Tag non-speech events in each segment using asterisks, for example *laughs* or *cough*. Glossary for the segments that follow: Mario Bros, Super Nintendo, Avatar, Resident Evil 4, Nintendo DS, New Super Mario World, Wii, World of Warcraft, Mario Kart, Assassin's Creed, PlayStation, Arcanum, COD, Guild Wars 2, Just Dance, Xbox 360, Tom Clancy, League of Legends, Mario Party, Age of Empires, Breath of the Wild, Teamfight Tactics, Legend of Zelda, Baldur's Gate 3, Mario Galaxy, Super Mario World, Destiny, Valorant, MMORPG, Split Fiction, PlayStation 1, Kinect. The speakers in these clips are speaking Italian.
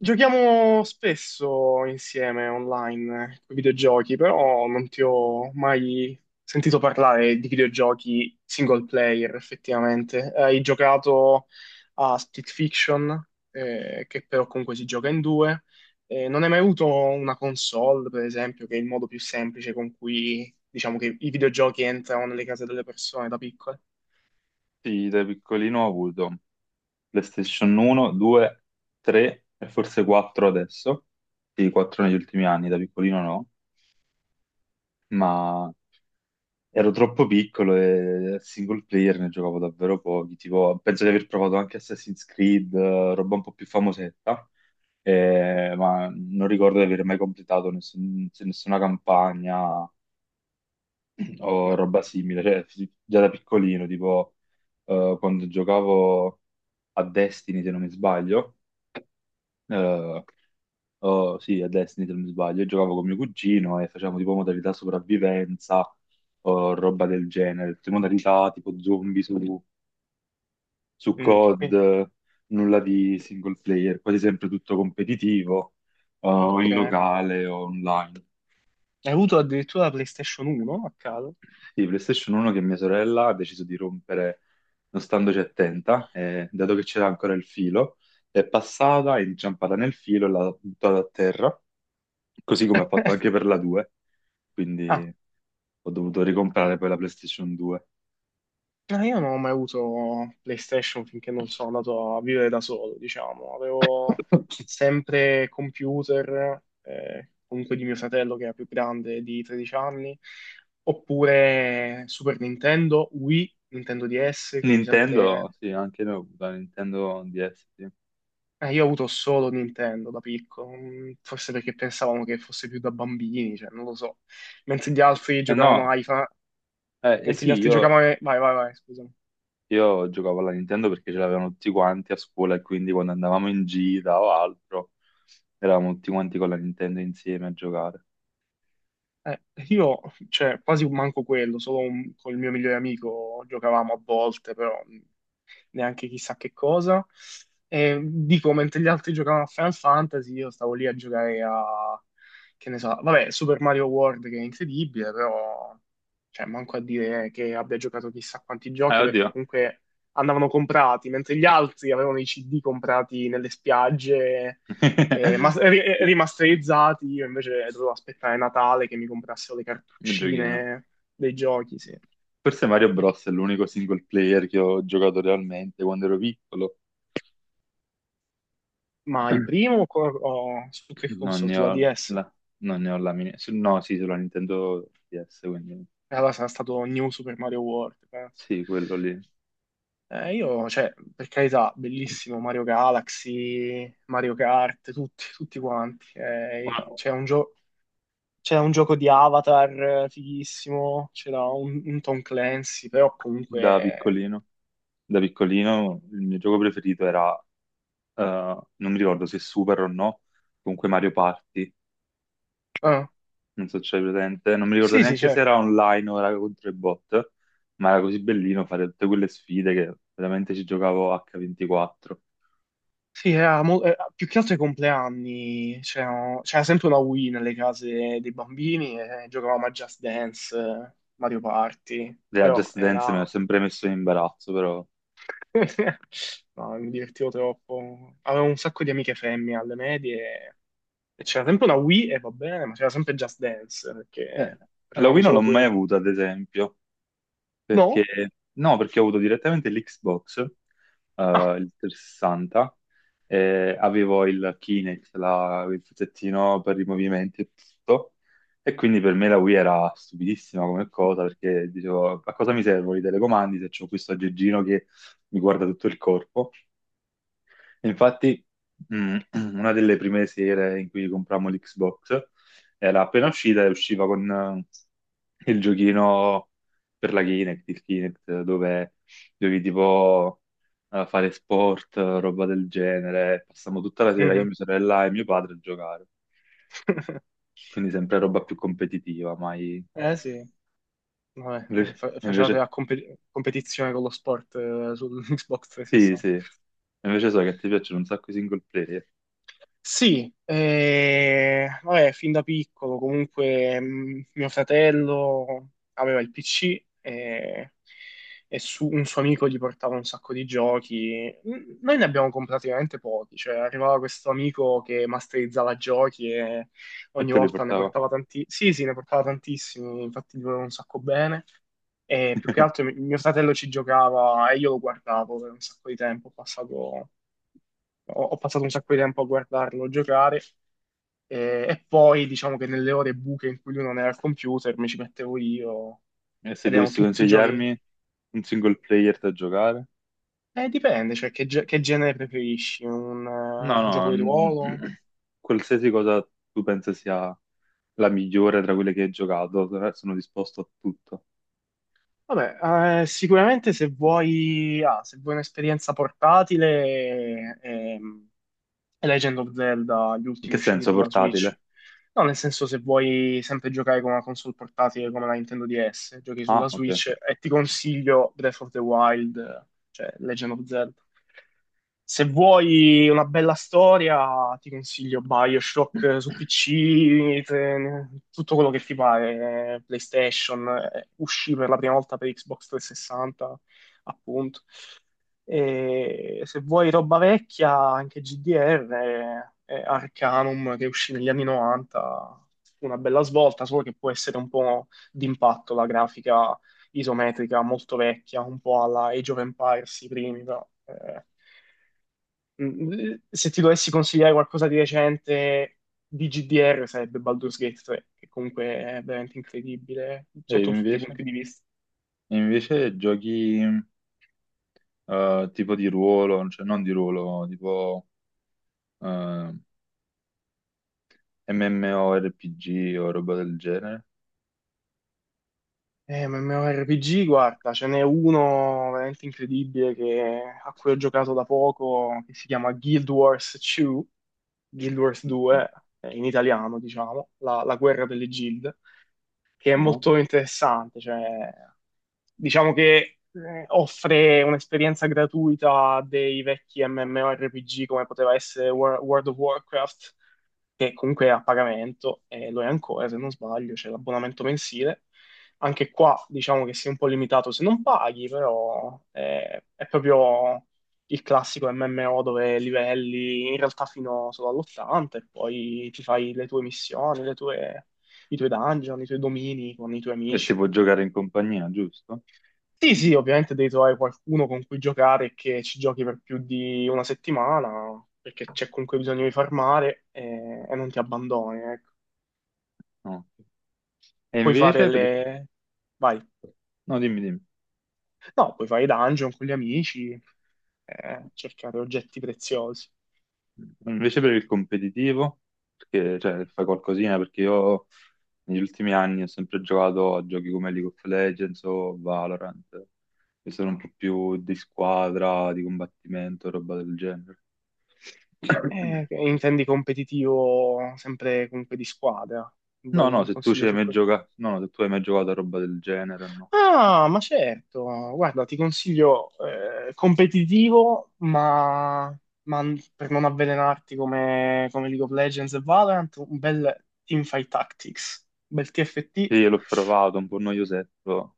Giochiamo spesso insieme online con i videogiochi, però non ti ho mai sentito parlare di videogiochi single player effettivamente. Hai giocato a Split Fiction, che però comunque si gioca in due. Non hai mai avuto una console, per esempio, che è il modo più semplice con cui diciamo che i videogiochi entrano nelle case delle persone da piccole? Sì, da piccolino ho avuto PlayStation 1, 2, 3 e forse 4 adesso. Sì, 4 negli ultimi anni, da piccolino no, ma ero troppo piccolo e single player ne giocavo davvero pochi. Tipo, penso di aver provato anche Assassin's Creed, roba un po' più famosetta, ma non ricordo di aver mai completato nessuna campagna *clears throat* o No. roba simile. Cioè, già da piccolino, tipo, quando giocavo a Destiny, se non mi sbaglio eh, oh, sì, a Destiny se non mi sbaglio, io giocavo con mio cugino e facevamo tipo modalità sopravvivenza o roba del genere, tutte modalità tipo zombie su Mm. COD, nulla di single player, quasi sempre tutto competitivo, o Ok. in Hai locale o online. avuto addirittura la PlayStation 1 a caso? Sì, PlayStation 1 che mia sorella ha deciso di rompere non standoci attenta, e dato che c'era ancora il filo, è passata, è inciampata nel filo e l'ha buttata a terra così come ha fatto anche *laughs* per la 2, Ah, quindi ho dovuto ricomprare poi la PlayStation 2. no, io non ho mai avuto PlayStation finché non sono andato a vivere da solo, diciamo. Avevo *laughs* sempre computer, comunque di mio fratello che era più grande di 13 anni, oppure Super Nintendo, Wii, Nintendo DS, quindi sempre... Nintendo, sì, anche noi ho avuto la Nintendo DS, sì. Io ho avuto solo Nintendo da piccolo, mm, forse perché pensavamo che fosse più da bambini, cioè, non lo so. Mentre gli altri Eh giocavano no, ai... eh Mentre gli sì, altri giocavano... ai- Vai, vai, vai, scusa. io giocavo alla Nintendo perché ce l'avevano tutti quanti a scuola e quindi quando andavamo in gita o altro, eravamo tutti quanti con la Nintendo insieme a giocare. Eh, io, cioè, quasi manco quello, con il mio migliore amico giocavamo a volte, però neanche chissà che cosa. E dico, mentre gli altri giocavano a Final Fantasy, io stavo lì a giocare a, che ne so, vabbè, Super Mario World che è incredibile, però, cioè, manco a dire che abbia giocato chissà quanti giochi, perché Oddio. comunque andavano comprati, mentre gli altri avevano i CD comprati nelle spiagge, *laughs* Sì, rimasterizzati, io invece dovevo aspettare Natale che mi comprassero le il giochino. cartuccine dei giochi, sì. Forse Mario Bros è l'unico single player che ho giocato realmente quando ero piccolo. Ma il *clears throat* primo co- o su che Non console? ne Sulla ho DS? la, non ne ho la mini- su- No, sì, sulla Nintendo DS, quindi E allora sarà stato New Super Mario World, penso. sì, quello lì. Io, cioè, per carità, bellissimo Mario Galaxy, Mario Kart, tutti, tutti quanti. Ma C'è un gioco di Avatar fighissimo, c'era un Tom Clancy, però Da comunque... eh, piccolino, da piccolino, il mio gioco preferito era, eh, non mi ricordo se Super o no, comunque Mario Party, ah, non so se c'è presente, non mi ricordo sì, sì, neanche se certo. era online o era contro i bot, ma era così bellino fare tutte quelle sfide che veramente ci giocavo H24. Sì, più che altro ai compleanni c'era sempre una Wii nelle case dei bambini e giocavamo a Just Dance, Mario Party, La però Just Dance mi ha era... sempre messo in imbarazzo, però... *laughs* No, mi divertivo troppo. Avevo un sacco di amiche femmine alle medie e c'era sempre una Wii e va bene, ma c'era sempre Just Dance Eh, perché la facevamo Wii non l'ho solo mai quello. avuta, ad esempio. Perché, No? no, perché ho avuto direttamente l'Xbox, Ah, il 360, e avevo il Kinect, il pezzettino per i movimenti e tutto, e quindi per me la Wii era stupidissima come cosa, perché dicevo, a cosa mi servono i telecomandi se ho questo aggeggino che mi guarda tutto il corpo? Infatti, mm, *clears throat* una delle prime sere in cui comprammo l'Xbox era appena uscita e usciva con il giochino per la Kinect, il Kinect, dove dovevi tipo fare sport, roba del genere. Passammo tutta la sera, io, mhm. mia sorella e mio padre a giocare. *laughs* Quindi sempre roba più competitiva, mai... Eh sì, vabbè, Invece, facevate invece- la competizione con lo sport su *laughs* Xbox sì, 360. sì. Invece so che ti piacciono un sacco i single player. Sì, vabbè, fin da piccolo comunque mio fratello aveva il PC e un suo amico gli portava un sacco di giochi. Mm, noi ne abbiamo comprati veramente pochi, cioè arrivava questo amico che masterizzava giochi e E ogni te li volta ne portavo. portava tanti. Sì, sì, ne portava tantissimi, infatti gli voleva un sacco bene. E più che *laughs* altro mio fratello ci giocava e io lo guardavo per un sacco di tempo, ho passato un sacco di tempo a guardarlo giocare e poi diciamo che nelle ore buche in cui lui non era al computer mi ci mettevo io E se ed erano dovessi tutti giochi. consigliarmi un single player da giocare? Dipende, cioè che, che genere preferisci? No, Un no, gioco di ruolo? *clears throat* qualsiasi cosa tu pensi sia la migliore tra quelle che hai giocato, sono disposto a tutto. Vabbè, sicuramente se vuoi, ah, se vuoi un'esperienza portatile, è Legend of Zelda, gli In che ultimi usciti senso sulla Switch. portatile? No, nel senso se vuoi sempre giocare con una console portatile come la Nintendo DS, giochi Ah, sulla ok. Switch e ti consiglio Breath of the Wild, cioè Legend of Zelda. Se vuoi una bella storia, ti consiglio BioShock su PC, tutto quello che ti pare, PlayStation, uscì per la prima volta per Xbox 360, appunto. E se vuoi roba vecchia, anche GDR, Arcanum che uscì negli anni 90, una bella svolta, solo che può essere un po' d'impatto la grafica isometrica molto vecchia, un po' alla Age of Empires, i primi. Però, mm, se ti dovessi consigliare qualcosa di recente di GDR sarebbe Baldur's Gate 3, che comunque è veramente incredibile E sotto tutti i invece? punti di vista. E invece giochi tipo di ruolo, cioè non di ruolo, tipo eh, MMORPG o roba del genere? Ma MMORPG, guarda, ce n'è uno veramente incredibile a cui ho giocato da poco, che si chiama Guild Wars 2, Guild Wars Sì. 2, in italiano, diciamo, la guerra delle guild, che è Ah. molto interessante. Cioè, diciamo che offre un'esperienza gratuita a dei vecchi MMORPG come poteva essere World of Warcraft che comunque è a pagamento, e lo è ancora se non sbaglio, c'è l'abbonamento mensile. Anche qua diciamo che sei un po' limitato se non paghi, però è proprio il classico MMO dove livelli in realtà fino solo all'80 e poi ti fai le tue missioni, i tuoi dungeon, i tuoi domini con i tuoi E si amici. può giocare in compagnia, giusto? Sì, sì, ovviamente devi trovare qualcuno con cui giocare e che ci giochi per più di una settimana, perché c'è comunque bisogno di farmare e non ti abbandoni, ecco. No. E Puoi fare invece, per- le... Vai. no, dimmi, dimmi. No, puoi fare i dungeon con gli amici, cercare oggetti preziosi. Invece per il competitivo, perché cioè, fai qualcosina, perché io negli ultimi anni ho sempre giocato a giochi come League of Legends o Valorant, che sono un po' più di squadra, di combattimento, roba del genere. *coughs* Intendi competitivo sempre comunque di squadra? No, Vuoi no, un se tu ci consiglio hai su mai questo? giocato, no, no, se tu hai mai giocato a roba del genere, no. Ah, ma certo, guarda, ti consiglio competitivo, ma, per non avvelenarti come, come League of Legends e Valorant, un bel Teamfight Tactics, un bel TFT. Sì, l'ho provato, un po' noiosetto,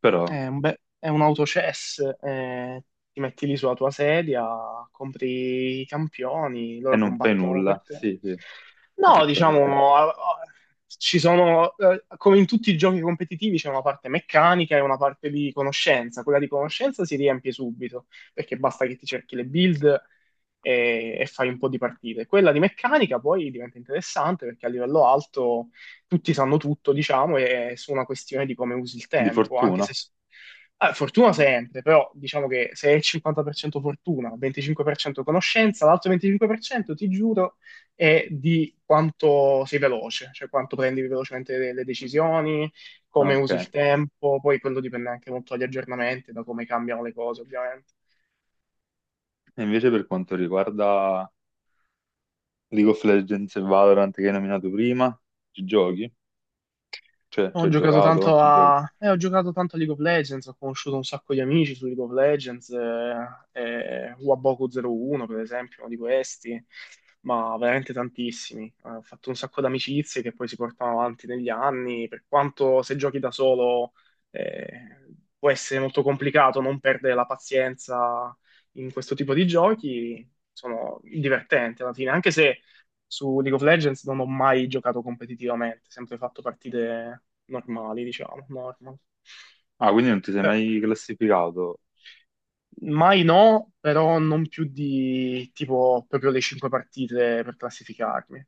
però, È un, è un autochess, ti metti lì sulla tua sedia, compri i campioni, e loro non fai combattono nulla, per te. sì, sì, No, esattamente, diciamo, ci sono, come in tutti i giochi competitivi, c'è una parte meccanica e una parte di conoscenza. Quella di conoscenza si riempie subito, perché basta che ti cerchi le build e fai un po' di partite. Quella di meccanica poi diventa interessante perché a livello alto tutti sanno tutto, diciamo, e è su una questione di come usi il di tempo, anche se... fortuna. Ah, fortuna sempre, però diciamo che se è il 50% fortuna, 25% conoscenza, l'altro 25% ti giuro è di quanto sei veloce, cioè quanto prendi velocemente le decisioni, Ah, come ok, usi il e tempo, poi quello dipende anche molto dagli aggiornamenti, da come cambiano le cose, ovviamente. invece per quanto riguarda League of Legends e Valorant che hai nominato prima, ci giochi? Cioè, ci hai giocato? Ci giochi? Ho giocato tanto a League of Legends, ho conosciuto un sacco di amici su League of Legends, Waboku 01 per esempio, uno di questi, ma veramente tantissimi. Ho fatto un sacco di amicizie che poi si portano avanti negli anni, per quanto se giochi da solo eh, può essere molto complicato non perdere la pazienza in questo tipo di giochi, sono divertenti alla fine, anche se su League of Legends non ho mai giocato competitivamente, sempre fatto partite normali, diciamo, normal. Ah, quindi non ti sei Eh, mai classificato? Mai no, però non più di tipo proprio le cinque partite per classificarmi.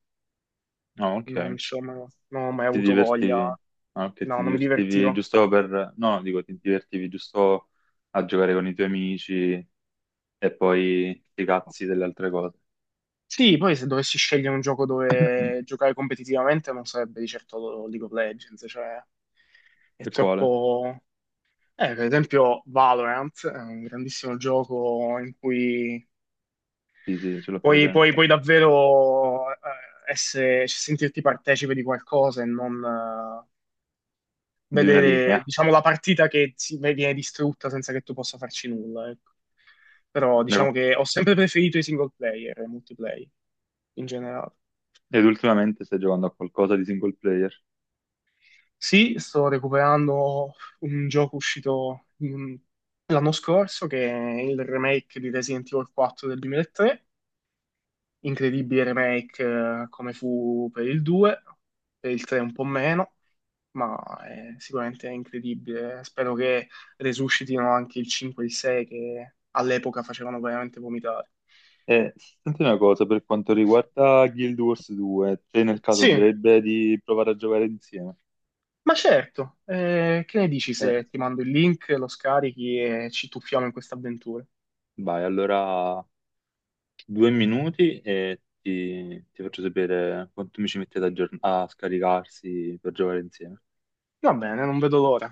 No, ok. Non, insomma, non ho mai Ti avuto voglia, divertivi? Ah, ok, ti no, non mi divertivi divertivo. giusto per... No, dico, ti divertivi giusto a giocare con i tuoi amici e poi ti cazzi delle altre cose. Sì, poi se dovessi scegliere un gioco dove giocare competitivamente non sarebbe di certo League of Legends, cioè è E quale? troppo. Per esempio Valorant è un grandissimo gioco in cui Sì, sì, ce l'ho presente. puoi davvero essere, sentirti partecipe di qualcosa e non Di una vedere, linea. diciamo, la partita viene distrutta senza che tu possa farci nulla, ecco. Però diciamo Ecco. che ho sempre preferito i single player e i multiplayer in generale. Ed ultimamente stai giocando a qualcosa di single player? Sì, sto recuperando un gioco uscito mm, l'anno scorso che è il remake di Resident Evil 4 del 2003, incredibile remake come fu per il 2, per il 3 un po' meno, ma è sicuramente incredibile. Spero che resuscitino anche il 5 e il 6 che all'epoca facevano veramente vomitare. Eh, senti una cosa, per quanto riguarda Guild Wars 2, te nel caso Sì, andrebbe di provare a giocare insieme? ma certo, che ne dici Eh, se ti mando il link, lo scarichi e ci tuffiamo in questa avventura? vai, allora 2 minuti e ti faccio sapere quanto mi ci mettete a scaricarsi per giocare insieme. Va bene, non vedo l'ora.